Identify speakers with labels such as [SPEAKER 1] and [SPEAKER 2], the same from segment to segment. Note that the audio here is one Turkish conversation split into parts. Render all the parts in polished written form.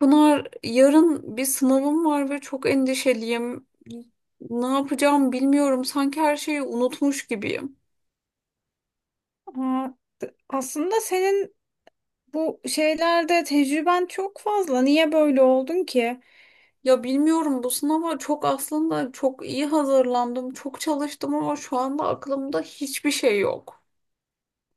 [SPEAKER 1] Pınar, yarın bir sınavım var ve çok endişeliyim. Ne yapacağım bilmiyorum. Sanki her şeyi unutmuş gibiyim.
[SPEAKER 2] Ha, aslında senin bu şeylerde tecrüben çok fazla. Niye böyle oldun ki?
[SPEAKER 1] Ya bilmiyorum, bu sınava aslında çok iyi hazırlandım, çok çalıştım ama şu anda aklımda hiçbir şey yok.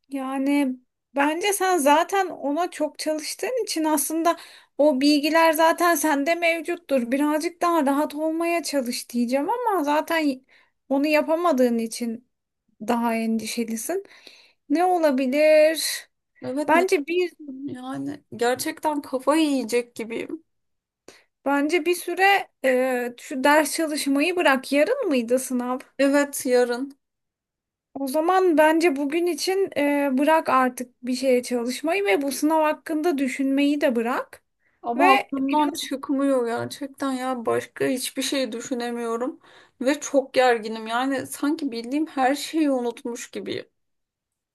[SPEAKER 2] Yani bence sen zaten ona çok çalıştığın için aslında o bilgiler zaten sende mevcuttur. Birazcık daha rahat olmaya çalış diyeceğim ama zaten onu yapamadığın için daha endişelisin. Ne olabilir?
[SPEAKER 1] Evet ne,
[SPEAKER 2] Bence bir
[SPEAKER 1] yani gerçekten kafayı yiyecek gibiyim.
[SPEAKER 2] bence bir süre şu ders çalışmayı bırak. Yarın mıydı sınav?
[SPEAKER 1] Evet yarın,
[SPEAKER 2] O zaman bence bugün için bırak artık bir şeye çalışmayı ve bu sınav hakkında düşünmeyi de bırak.
[SPEAKER 1] ama
[SPEAKER 2] Ve
[SPEAKER 1] aklımdan
[SPEAKER 2] biraz,
[SPEAKER 1] çıkmıyor, gerçekten ya başka hiçbir şey düşünemiyorum ve çok gerginim. Yani sanki bildiğim her şeyi unutmuş gibiyim.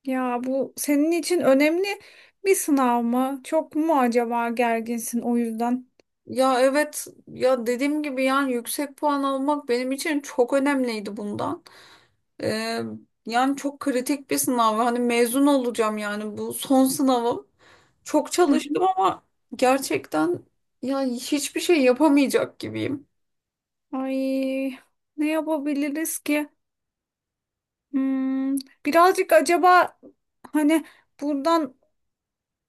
[SPEAKER 2] ya bu senin için önemli bir sınav mı? Çok mu acaba gerginsin o yüzden?
[SPEAKER 1] Ya evet, ya dediğim gibi yani yüksek puan almak benim için çok önemliydi bundan. Ee, Yani çok kritik bir sınav. Hani mezun olacağım, yani bu son sınavım. Çok
[SPEAKER 2] Hı
[SPEAKER 1] çalıştım
[SPEAKER 2] hı.
[SPEAKER 1] ama gerçekten ya hiçbir şey yapamayacak gibiyim.
[SPEAKER 2] Ay ne yapabiliriz ki? Hmm, birazcık acaba hani buradan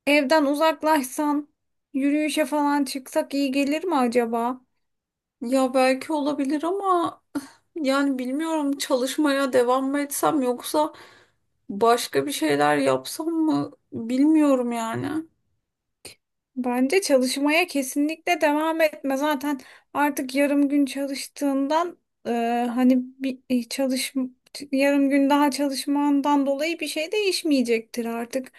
[SPEAKER 2] evden uzaklaşsan yürüyüşe falan çıksak iyi gelir mi acaba?
[SPEAKER 1] Ya belki olabilir ama yani bilmiyorum, çalışmaya devam mı etsem yoksa başka bir şeyler yapsam mı bilmiyorum yani.
[SPEAKER 2] Bence çalışmaya kesinlikle devam etme. Zaten artık yarım gün çalıştığından, e, hani bir e, çalış yarım gün daha çalışmandan dolayı bir şey değişmeyecektir artık.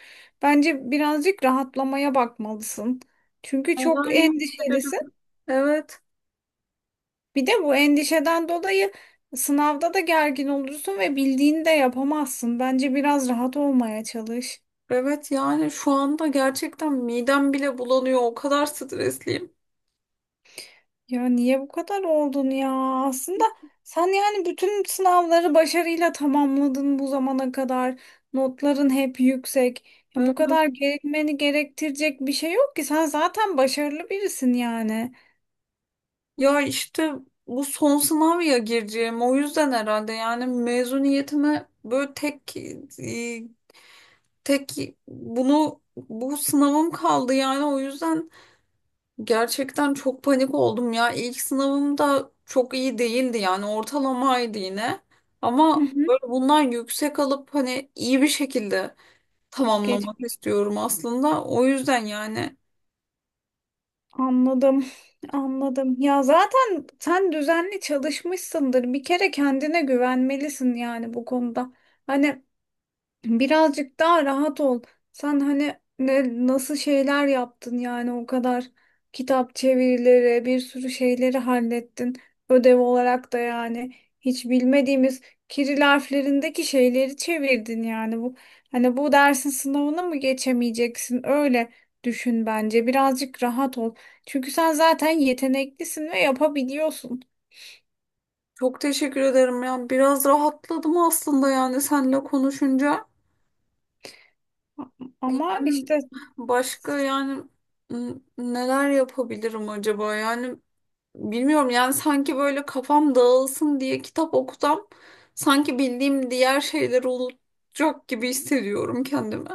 [SPEAKER 2] Bence birazcık rahatlamaya bakmalısın. Çünkü çok
[SPEAKER 1] Neler
[SPEAKER 2] endişelisin.
[SPEAKER 1] yapabilirim? Evet.
[SPEAKER 2] Bir de bu endişeden dolayı sınavda da gergin olursun ve bildiğini de yapamazsın. Bence biraz rahat olmaya çalış.
[SPEAKER 1] Evet yani şu anda gerçekten midem bile bulanıyor. O kadar stresliyim.
[SPEAKER 2] Ya niye bu kadar oldun ya? Aslında sen yani bütün sınavları başarıyla tamamladın bu zamana kadar. Notların hep yüksek. Ya bu
[SPEAKER 1] Hı.
[SPEAKER 2] kadar gerekmeni gerektirecek bir şey yok ki. Sen zaten başarılı birisin yani.
[SPEAKER 1] Ya işte bu son sınav ya gireceğim. O yüzden herhalde yani mezuniyetime böyle tek e, tek bunu, bu sınavım kaldı yani. O yüzden gerçekten çok panik oldum ya. İlk sınavım da çok iyi değildi, yani ortalamaydı yine.
[SPEAKER 2] Hı
[SPEAKER 1] Ama
[SPEAKER 2] hı.
[SPEAKER 1] böyle bundan yüksek alıp hani iyi bir şekilde
[SPEAKER 2] Geç.
[SPEAKER 1] tamamlamak istiyorum aslında. O yüzden yani
[SPEAKER 2] Anladım. Anladım. Ya zaten sen düzenli çalışmışsındır. Bir kere kendine güvenmelisin yani bu konuda. Hani birazcık daha rahat ol. Sen hani nasıl şeyler yaptın yani o kadar kitap çevirileri, bir sürü şeyleri hallettin. Ödev olarak da yani hiç bilmediğimiz Kiril harflerindeki şeyleri çevirdin yani bu hani bu dersin sınavını mı geçemeyeceksin, öyle düşün, bence birazcık rahat ol. Çünkü sen zaten yeteneklisin ve yapabiliyorsun.
[SPEAKER 1] çok teşekkür ederim ya. Biraz rahatladım aslında yani seninle konuşunca.
[SPEAKER 2] Ama
[SPEAKER 1] Yani
[SPEAKER 2] işte
[SPEAKER 1] başka yani neler yapabilirim acaba? Yani bilmiyorum yani, sanki böyle kafam dağılsın diye kitap okusam sanki bildiğim diğer şeyleri unutacak gibi hissediyorum kendimi.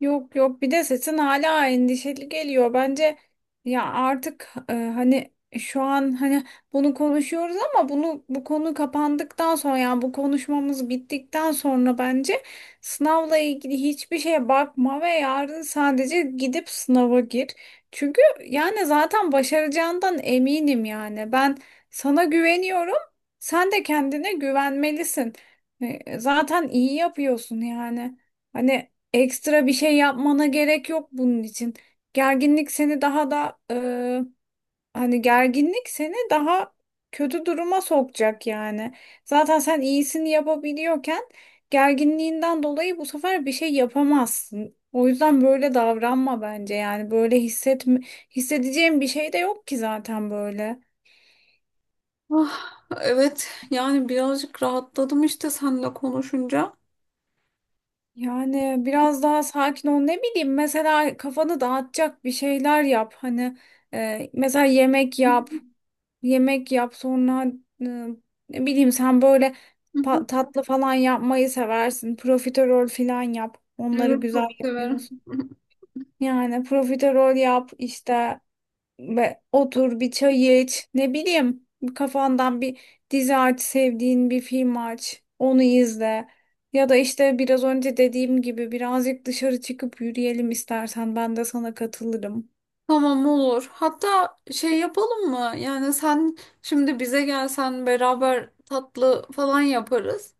[SPEAKER 2] yok yok, bir de sesin hala endişeli geliyor. Bence ya artık, hani şu an hani bunu konuşuyoruz ama bu konu kapandıktan sonra yani bu konuşmamız bittikten sonra bence sınavla ilgili hiçbir şeye bakma ve yarın sadece gidip sınava gir. Çünkü yani zaten başaracağından eminim yani. Ben sana güveniyorum. Sen de kendine güvenmelisin. Zaten iyi yapıyorsun yani. Hani ekstra bir şey yapmana gerek yok bunun için. Gerginlik seni daha da e, hani gerginlik seni daha kötü duruma sokacak yani. Zaten sen iyisini yapabiliyorken gerginliğinden dolayı bu sefer bir şey yapamazsın. O yüzden böyle davranma bence, yani böyle hissedeceğim bir şey de yok ki zaten böyle.
[SPEAKER 1] Ah, evet yani birazcık rahatladım işte seninle konuşunca.
[SPEAKER 2] Yani biraz daha sakin ol, ne bileyim mesela kafanı dağıtacak bir şeyler yap, hani mesela yemek yap. Yemek yap, sonra e, ne bileyim sen böyle
[SPEAKER 1] Hı hı.
[SPEAKER 2] tatlı falan yapmayı seversin. Profiterol falan yap. Onları
[SPEAKER 1] Evet
[SPEAKER 2] güzel
[SPEAKER 1] çok severim.
[SPEAKER 2] yapıyorsun. Yani profiterol yap işte ve otur bir çay iç. Ne bileyim kafandan bir dizi aç, sevdiğin bir film aç. Onu izle. Ya da işte biraz önce dediğim gibi birazcık dışarı çıkıp yürüyelim istersen ben de sana katılırım.
[SPEAKER 1] Tamam, olur. Hatta şey yapalım mı? Yani sen şimdi bize gelsen beraber tatlı falan yaparız.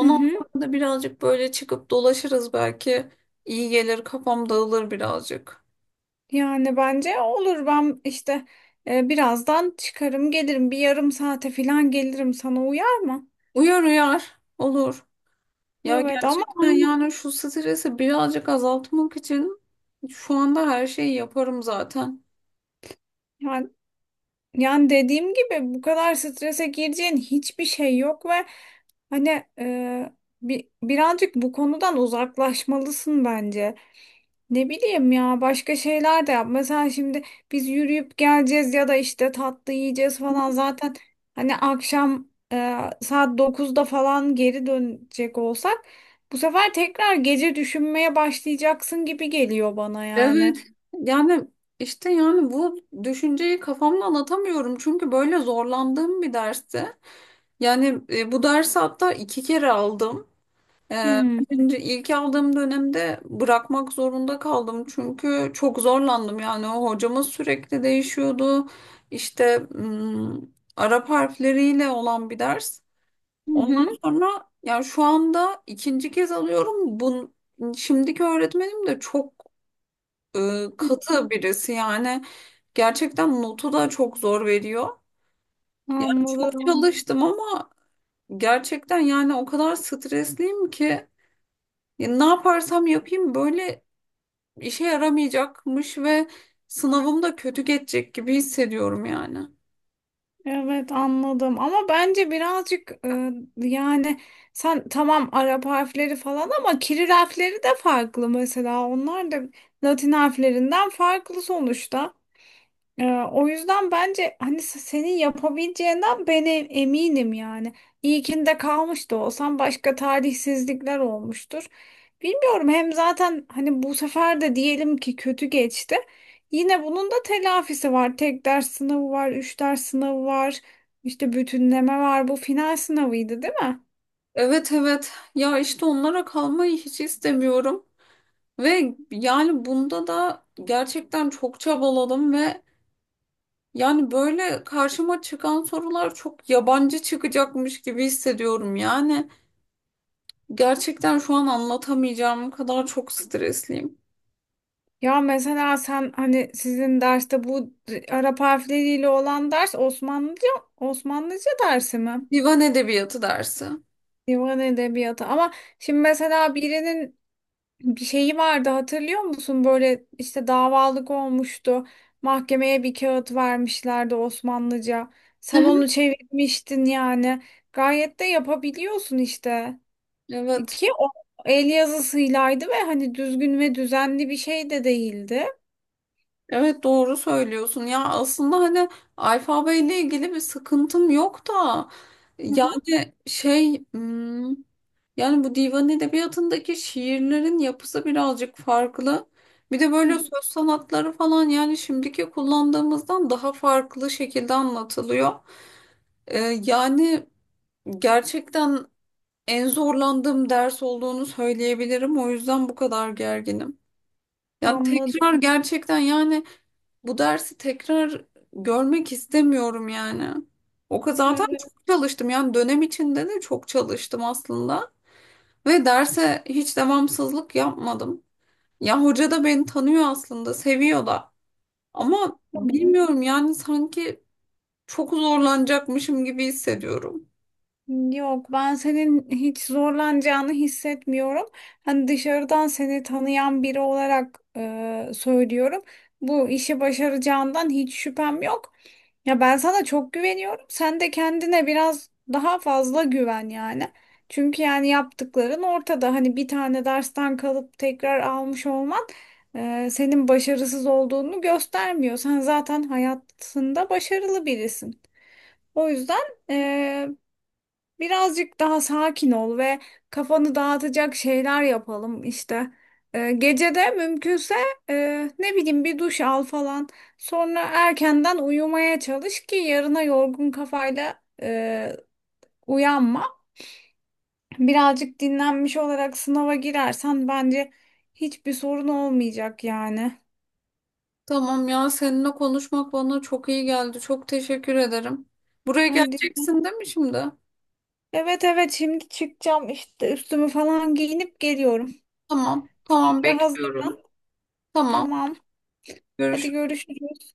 [SPEAKER 2] Hı hı.
[SPEAKER 1] sonra da birazcık böyle çıkıp dolaşırız belki. İyi gelir, kafam dağılır birazcık.
[SPEAKER 2] Yani bence olur, ben işte birazdan çıkarım gelirim, bir yarım saate falan gelirim sana, uyar mı?
[SPEAKER 1] Uyar uyar. Olur. Ya
[SPEAKER 2] Evet ama
[SPEAKER 1] gerçekten
[SPEAKER 2] aynı
[SPEAKER 1] yani şu stresi birazcık azaltmak için şu anda her şeyi yaparım zaten.
[SPEAKER 2] yani, yani dediğim gibi bu kadar strese gireceğin hiçbir şey yok ve hani, birazcık bu konudan uzaklaşmalısın bence. Ne bileyim ya başka şeyler de yap. Mesela şimdi biz yürüyüp geleceğiz ya da işte tatlı yiyeceğiz falan. Zaten hani akşam saat 9'da falan geri dönecek olsak bu sefer tekrar gece düşünmeye başlayacaksın gibi geliyor bana yani.
[SPEAKER 1] Evet. Yani işte yani bu düşünceyi kafamda anlatamıyorum. Çünkü böyle zorlandığım bir dersti. Yani bu dersi hatta iki kere aldım. E,
[SPEAKER 2] Hmm.
[SPEAKER 1] ilk aldığım dönemde bırakmak zorunda kaldım. Çünkü çok zorlandım. Yani o hocamız sürekli değişiyordu. İşte Arap harfleriyle olan bir ders.
[SPEAKER 2] Hı
[SPEAKER 1] Ondan
[SPEAKER 2] hı.
[SPEAKER 1] sonra yani şu anda ikinci kez alıyorum. Şimdiki öğretmenim de çok
[SPEAKER 2] Hı hı.
[SPEAKER 1] katı birisi. Yani gerçekten notu da çok zor veriyor. Çok
[SPEAKER 2] Anladım.
[SPEAKER 1] çalıştım ama gerçekten yani o kadar stresliyim ki ya ne yaparsam yapayım böyle işe yaramayacakmış ve sınavım da kötü geçecek gibi hissediyorum yani.
[SPEAKER 2] Evet anladım ama bence birazcık, yani sen tamam Arap harfleri falan ama Kiril harfleri de farklı, mesela onlar da Latin harflerinden farklı sonuçta. Ee, o yüzden bence hani senin yapabileceğinden ben eminim yani. İlkinde kalmış da olsam başka talihsizlikler olmuştur. Bilmiyorum, hem zaten hani bu sefer de diyelim ki kötü geçti. Yine bunun da telafisi var. Tek ders sınavı var, üç ders sınavı var, işte bütünleme var. Bu final sınavıydı değil mi?
[SPEAKER 1] Evet evet ya işte onlara kalmayı hiç istemiyorum ve yani bunda da gerçekten çok çabaladım ve yani böyle karşıma çıkan sorular çok yabancı çıkacakmış gibi hissediyorum. Yani gerçekten şu an anlatamayacağım kadar çok stresliyim.
[SPEAKER 2] Ya mesela sen hani sizin derste bu Arap harfleriyle olan ders Osmanlıca, Osmanlıca dersi mi?
[SPEAKER 1] Divan edebiyatı dersi. Hı
[SPEAKER 2] Divan edebiyatı, ama şimdi mesela birinin bir şeyi vardı hatırlıyor musun? Böyle işte davalık olmuştu. Mahkemeye bir kağıt vermişlerdi Osmanlıca. Sen
[SPEAKER 1] hı.
[SPEAKER 2] onu çevirmiştin yani. Gayet de yapabiliyorsun işte.
[SPEAKER 1] Evet.
[SPEAKER 2] Ki o el yazısıylaydı ve hani düzgün ve düzenli bir şey de değildi.
[SPEAKER 1] Evet doğru söylüyorsun. Ya aslında hani alfabeyle ilgili bir sıkıntım yok da
[SPEAKER 2] Hı hı.
[SPEAKER 1] yani şey, yani bu divan edebiyatındaki şiirlerin yapısı birazcık farklı. Bir de böyle söz sanatları falan, yani şimdiki kullandığımızdan daha farklı şekilde anlatılıyor. Yani gerçekten en zorlandığım ders olduğunu söyleyebilirim. O yüzden bu kadar gerginim. Yani tekrar
[SPEAKER 2] Anladım.
[SPEAKER 1] gerçekten yani bu dersi tekrar görmek istemiyorum yani. O kadar zaten
[SPEAKER 2] Evet,
[SPEAKER 1] çok çalıştım. Yani dönem içinde de çok çalıştım aslında. Ve derse hiç devamsızlık yapmadım. Ya hoca da beni tanıyor aslında, seviyor da. Ama
[SPEAKER 2] tamam.
[SPEAKER 1] bilmiyorum yani sanki çok zorlanacakmışım gibi hissediyorum.
[SPEAKER 2] Yok, ben senin hiç zorlanacağını hissetmiyorum. Hani dışarıdan seni tanıyan biri olarak söylüyorum. Bu işi başaracağından hiç şüphem yok. Ya ben sana çok güveniyorum. Sen de kendine biraz daha fazla güven yani. Çünkü yani yaptıkların ortada. Hani bir tane dersten kalıp tekrar almış olman senin başarısız olduğunu göstermiyor. Sen zaten hayatında başarılı birisin. O yüzden. Birazcık daha sakin ol ve kafanı dağıtacak şeyler yapalım işte. Gece de mümkünse ne bileyim bir duş al falan. Sonra erkenden uyumaya çalış ki yarına yorgun kafayla uyanma. Birazcık dinlenmiş olarak sınava girersen bence hiçbir sorun olmayacak yani.
[SPEAKER 1] Tamam ya, seninle konuşmak bana çok iyi geldi. Çok teşekkür ederim. Buraya
[SPEAKER 2] Haydi.
[SPEAKER 1] geleceksin değil mi şimdi?
[SPEAKER 2] Evet evet, şimdi çıkacağım işte, üstümü falan giyinip geliyorum.
[SPEAKER 1] Tamam, tamam bekliyorum.
[SPEAKER 2] Hazırlan.
[SPEAKER 1] Tamam,
[SPEAKER 2] Tamam. Hadi
[SPEAKER 1] görüşürüz.
[SPEAKER 2] görüşürüz.